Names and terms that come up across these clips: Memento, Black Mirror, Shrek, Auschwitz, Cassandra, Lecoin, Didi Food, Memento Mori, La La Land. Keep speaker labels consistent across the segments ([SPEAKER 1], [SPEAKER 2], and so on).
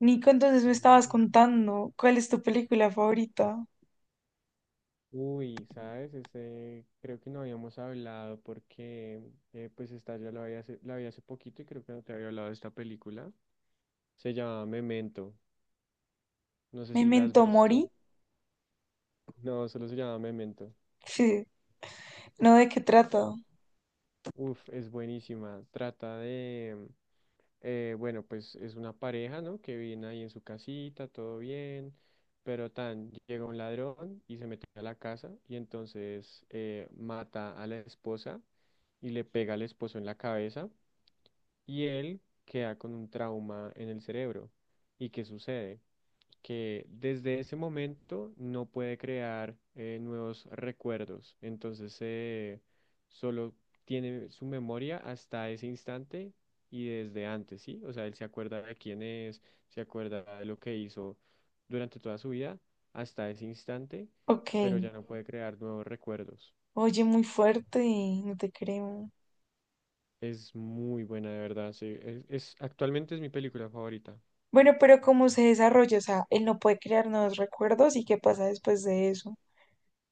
[SPEAKER 1] Nico, entonces me
[SPEAKER 2] Bueno,
[SPEAKER 1] estabas contando cuál es tu película favorita.
[SPEAKER 2] uy, ¿sabes? Creo que no habíamos hablado porque, esta yo la vi hace poquito y creo que no te había hablado de esta película. Se llama Memento. No sé si la has
[SPEAKER 1] ¿Memento
[SPEAKER 2] visto.
[SPEAKER 1] Mori?
[SPEAKER 2] No, solo se llama Memento.
[SPEAKER 1] ¿No, de qué
[SPEAKER 2] No.
[SPEAKER 1] trata?
[SPEAKER 2] Uf, es buenísima. Trata de, eh, bueno, pues es una pareja, ¿no? Que viene ahí en su casita, todo bien, pero tan llega un ladrón y se mete a la casa y entonces mata a la esposa y le pega al esposo en la cabeza y él queda con un trauma en el cerebro. ¿Y qué sucede? Que desde ese momento no puede crear nuevos recuerdos. Entonces, solo tiene su memoria hasta ese instante y desde antes, ¿sí? O sea, él se acuerda de quién es, se acuerda de lo que hizo durante toda su vida hasta ese instante,
[SPEAKER 1] Ok.
[SPEAKER 2] pero ya no puede crear nuevos recuerdos.
[SPEAKER 1] Oye, muy fuerte, no te creo.
[SPEAKER 2] Es muy buena, de verdad, sí. Actualmente es mi película favorita.
[SPEAKER 1] Bueno, pero ¿cómo se desarrolla? O sea, él no puede crear nuevos recuerdos y qué pasa después de eso.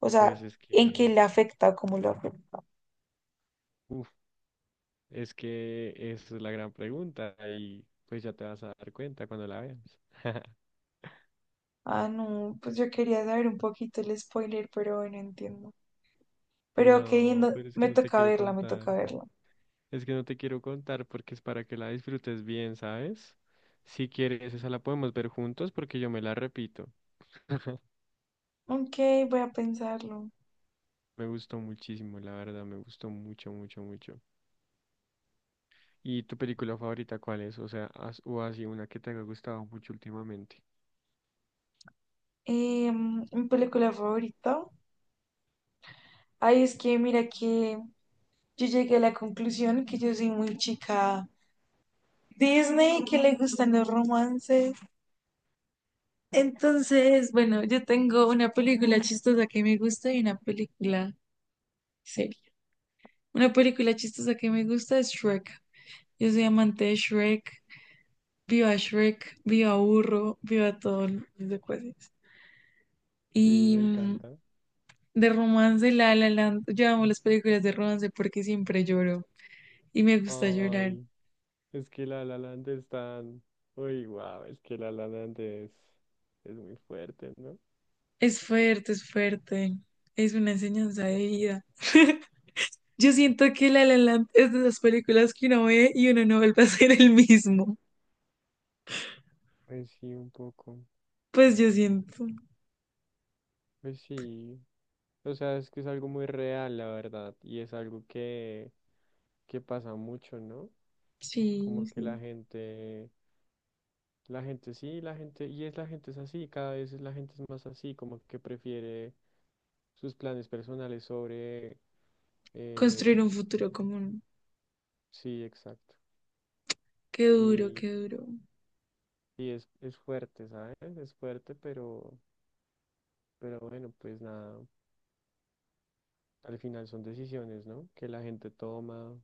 [SPEAKER 1] O
[SPEAKER 2] Pues
[SPEAKER 1] sea,
[SPEAKER 2] es
[SPEAKER 1] ¿en qué
[SPEAKER 2] que,
[SPEAKER 1] le afecta o cómo lo afecta?
[SPEAKER 2] uf, Es que esa es la gran pregunta y pues ya te vas a dar cuenta cuando la veas.
[SPEAKER 1] Ah, no, pues yo quería saber un poquito el spoiler, pero bueno, entiendo. Pero ok,
[SPEAKER 2] No, pero es que
[SPEAKER 1] me
[SPEAKER 2] no te
[SPEAKER 1] toca
[SPEAKER 2] quiero
[SPEAKER 1] verla, me
[SPEAKER 2] contar.
[SPEAKER 1] toca verla.
[SPEAKER 2] Es que no te quiero contar porque es para que la disfrutes bien, ¿sabes? Si quieres, esa la podemos ver juntos porque yo me la repito.
[SPEAKER 1] Ok, voy a pensarlo.
[SPEAKER 2] Me gustó muchísimo, la verdad, me gustó mucho, mucho, mucho. ¿Y tu película favorita cuál es? O sea, o así una que te haya gustado mucho últimamente.
[SPEAKER 1] Mi película favorita. Ay, es que mira que yo llegué a la conclusión que yo soy muy chica Disney, que le gustan los romances. Entonces, bueno, yo tengo una película chistosa que me gusta y una película seria. Una película chistosa que me gusta es Shrek. Yo soy amante de Shrek. Viva Shrek, viva Burro, viva todos los secuaces.
[SPEAKER 2] Sí,
[SPEAKER 1] Y
[SPEAKER 2] me encanta.
[SPEAKER 1] de romance, La La Land. Yo amo las películas de romance porque siempre lloro. Y me gusta llorar.
[SPEAKER 2] Ay, es que La La Land es tan... Uy, wow, es que La La Land es muy fuerte, ¿no?
[SPEAKER 1] Es fuerte, es fuerte. Es una enseñanza de vida. Yo siento que La La Land es de esas películas que uno ve y uno no vuelve a ser el mismo.
[SPEAKER 2] Pues sí, un poco.
[SPEAKER 1] Pues yo siento.
[SPEAKER 2] Pues sí. O sea, es que es algo muy real, la verdad. Y es algo que pasa mucho, ¿no?
[SPEAKER 1] Sí,
[SPEAKER 2] Como que la
[SPEAKER 1] sí.
[SPEAKER 2] gente... La gente sí, la gente... Y es la gente es así, cada vez la gente es más así, como que prefiere sus planes personales sobre... eh,
[SPEAKER 1] Construir un futuro común.
[SPEAKER 2] sí, exacto.
[SPEAKER 1] Qué duro,
[SPEAKER 2] Y,
[SPEAKER 1] qué duro.
[SPEAKER 2] es fuerte, ¿sabes? Es fuerte, pero... Pero bueno, pues nada, al final son decisiones, ¿no? Que la gente toma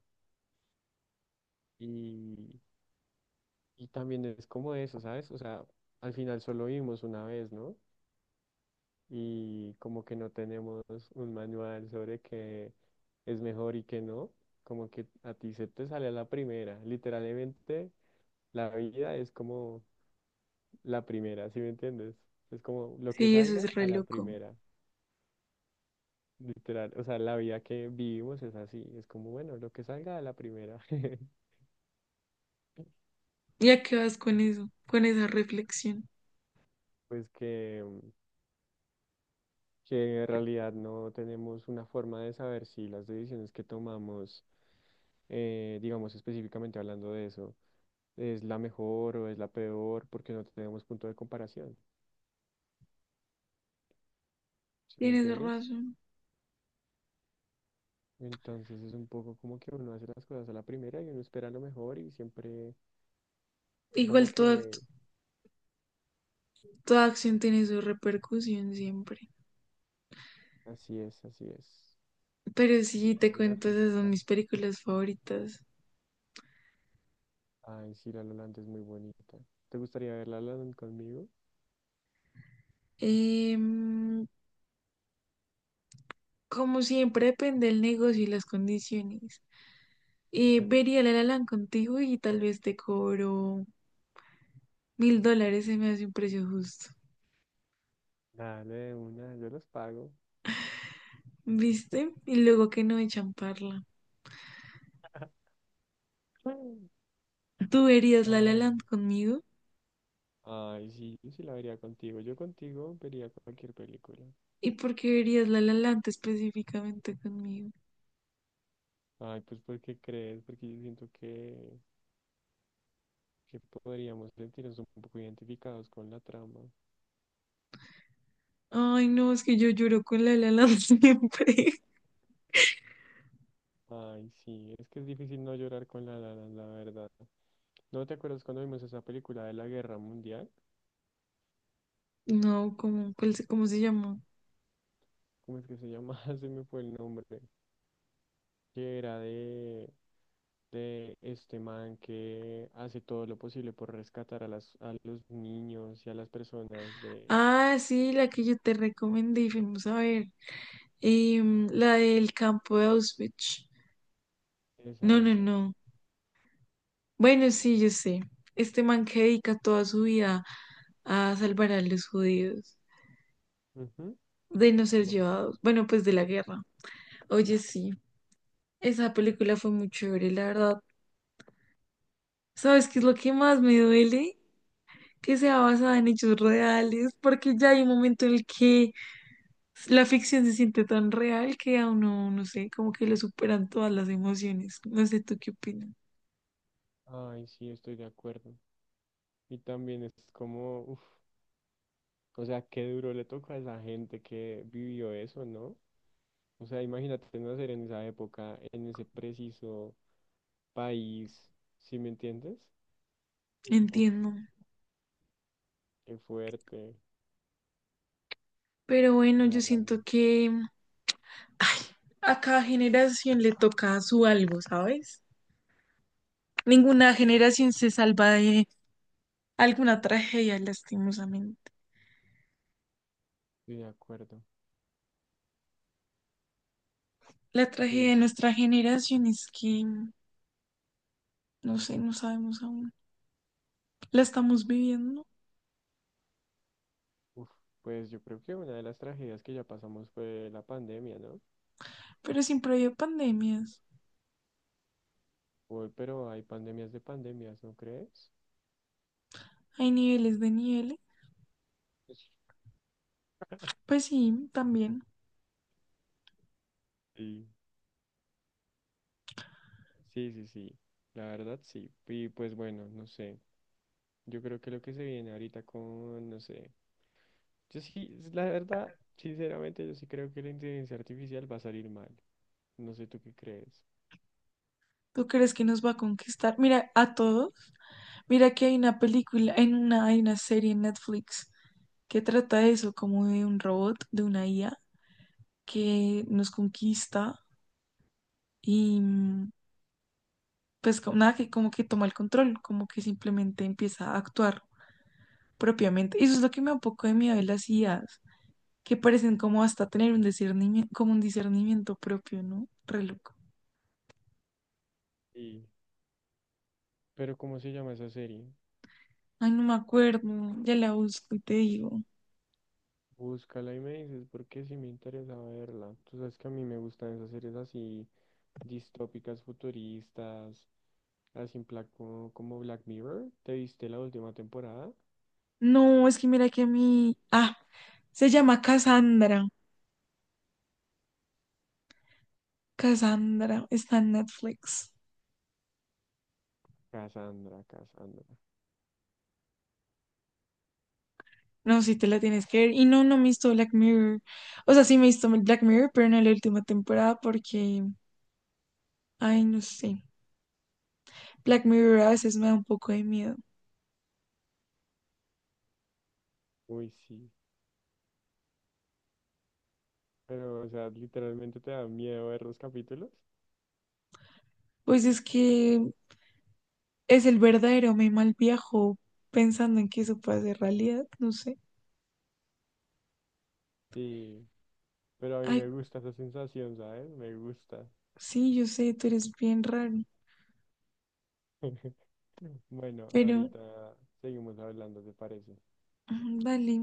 [SPEAKER 2] y, y también es como eso, ¿sabes? O sea, al final solo vivimos una vez, ¿no? Y como que no tenemos un manual sobre qué es mejor y qué no, como que a ti se te sale a la primera. Literalmente, la vida es como la primera, ¿sí me entiendes? Es como lo que
[SPEAKER 1] Sí, eso
[SPEAKER 2] salga
[SPEAKER 1] es re
[SPEAKER 2] a la
[SPEAKER 1] loco.
[SPEAKER 2] primera. Literal, o sea, la vida que vivimos es así, es como, bueno, lo que salga a la primera.
[SPEAKER 1] ¿Y a qué vas con eso? Con esa reflexión.
[SPEAKER 2] pues que, que en realidad no tenemos una forma de saber si las decisiones que tomamos, digamos específicamente hablando de eso, es la mejor o es la peor, porque no tenemos punto de comparación, ¿sí me
[SPEAKER 1] Tienes
[SPEAKER 2] entiendes?
[SPEAKER 1] razón.
[SPEAKER 2] Entonces es un poco como que uno hace las cosas a la primera y uno espera lo mejor y siempre como
[SPEAKER 1] Igual toda, act-
[SPEAKER 2] que
[SPEAKER 1] Toda acción tiene su repercusión siempre.
[SPEAKER 2] así es, así es.
[SPEAKER 1] Pero sí,
[SPEAKER 2] Ley
[SPEAKER 1] te
[SPEAKER 2] de la
[SPEAKER 1] cuento, esas son
[SPEAKER 2] física.
[SPEAKER 1] mis películas favoritas.
[SPEAKER 2] Ay, sí, la Lolanda es muy bonita. ¿Te gustaría ver la Lolanda conmigo?
[SPEAKER 1] Em, Como siempre, depende del negocio y las condiciones. Vería la La Land contigo y tal vez te cobro $1000, se me hace un precio justo.
[SPEAKER 2] Dale, de una, yo los pago.
[SPEAKER 1] ¿Viste? Y luego que no echan parla.
[SPEAKER 2] Mm.
[SPEAKER 1] ¿Tú verías la La
[SPEAKER 2] Ah,
[SPEAKER 1] Land conmigo?
[SPEAKER 2] ay, sí, yo sí la vería contigo. Yo contigo vería cualquier película.
[SPEAKER 1] ¿Y por qué verías la La Land específicamente conmigo?
[SPEAKER 2] Ay, pues porque crees, porque yo siento que podríamos sentirnos un poco identificados con la trama.
[SPEAKER 1] Ay, no, es que yo lloro con la La Land siempre.
[SPEAKER 2] Ay, sí, es que es difícil no llorar con la la Land, la verdad. ¿No te acuerdas cuando vimos esa película de la Guerra Mundial?
[SPEAKER 1] No, ¿cómo, cómo se llamó?
[SPEAKER 2] ¿Cómo es que se llama? Se me fue el nombre. Que era de este man que hace todo lo posible por rescatar a a los niños y a las personas de
[SPEAKER 1] Ah, sí, la que yo te recomendé y fuimos a ver. Em, la del campo de Auschwitz. No,
[SPEAKER 2] esa,
[SPEAKER 1] no,
[SPEAKER 2] esa.
[SPEAKER 1] no. Bueno, sí, yo sé. Este man que dedica toda su vida a salvar a los judíos
[SPEAKER 2] Ujú.
[SPEAKER 1] de no ser
[SPEAKER 2] Bueno,
[SPEAKER 1] llevados, bueno, pues de la guerra. Oye, sí, esa película fue muy chévere, la verdad. ¿Sabes qué es lo que más me duele? Que sea basada en hechos reales, porque ya hay un momento en el que la ficción se siente tan real que a uno, no sé, como que le superan todas las emociones. No sé, ¿tú qué opinas?
[SPEAKER 2] ay, sí, estoy de acuerdo. Y también es como, uf, o sea, qué duro le toca a esa gente que vivió eso, ¿no? O sea, imagínate nacer en esa época, en ese preciso país, ¿sí me entiendes? Uf,
[SPEAKER 1] Entiendo.
[SPEAKER 2] qué fuerte.
[SPEAKER 1] Pero
[SPEAKER 2] O
[SPEAKER 1] bueno, yo
[SPEAKER 2] sea,
[SPEAKER 1] siento
[SPEAKER 2] realmente
[SPEAKER 1] que ay, a cada generación le toca su algo, ¿sabes? Ninguna generación se salva de alguna tragedia, lastimosamente.
[SPEAKER 2] estoy de acuerdo.
[SPEAKER 1] La tragedia
[SPEAKER 2] Sí,
[SPEAKER 1] de
[SPEAKER 2] sí, sí.
[SPEAKER 1] nuestra generación es que, no sé, no sabemos aún. La estamos viviendo,
[SPEAKER 2] Uf, pues yo creo que una de las tragedias que ya pasamos fue la pandemia, ¿no?
[SPEAKER 1] pero siempre hay pandemias.
[SPEAKER 2] Uy, pero hay pandemias de pandemias, ¿no crees?
[SPEAKER 1] Hay niveles de niveles. Pues sí, también.
[SPEAKER 2] Sí. Sí, sí, sí, la verdad sí. Y pues bueno, no sé. Yo creo que lo que se viene ahorita con, no sé. Yo sí, es la verdad, sinceramente, yo sí creo que la inteligencia artificial va a salir mal. No sé tú qué crees.
[SPEAKER 1] ¿Tú crees que nos va a conquistar? Mira, a todos. Mira que hay una película, hay una serie en Netflix que trata de eso, como de un robot, de una IA que nos conquista y pues nada, que como que toma el control, como que simplemente empieza a actuar propiamente. Y eso es lo que me da un poco de miedo de las IAs, que parecen como hasta tener un discernimiento, como un discernimiento propio, ¿no? Re loco.
[SPEAKER 2] Sí. Pero ¿cómo se llama esa serie?
[SPEAKER 1] Ay, no me acuerdo, ya la busco y te digo.
[SPEAKER 2] Búscala y me dices, porque sí me interesa verla. Tú sabes que a mí me gustan esas series así, distópicas, futuristas, así en plan como, como Black Mirror. ¿Te viste la última temporada?
[SPEAKER 1] No, es que mira que a mí, ah, se llama Cassandra. Cassandra está en Netflix.
[SPEAKER 2] Cassandra, Cassandra.
[SPEAKER 1] No, si te la tienes que ver. Y no, no me he visto Black Mirror. O sea, sí me he visto Black Mirror, pero no la última temporada porque, ay, no sé. Black Mirror a veces me da un poco de miedo.
[SPEAKER 2] Uy, sí. Pero, o sea, literalmente te da miedo ver los capítulos.
[SPEAKER 1] Pues es que es el verdadero me mal viajo pensando en que eso puede ser realidad, no sé.
[SPEAKER 2] Y, pero a mí
[SPEAKER 1] Ay,
[SPEAKER 2] me gusta esa sensación, ¿sabes? Me gusta.
[SPEAKER 1] sí, yo sé, tú eres bien raro,
[SPEAKER 2] Bueno,
[SPEAKER 1] pero
[SPEAKER 2] ahorita seguimos hablando, ¿te parece?
[SPEAKER 1] dale.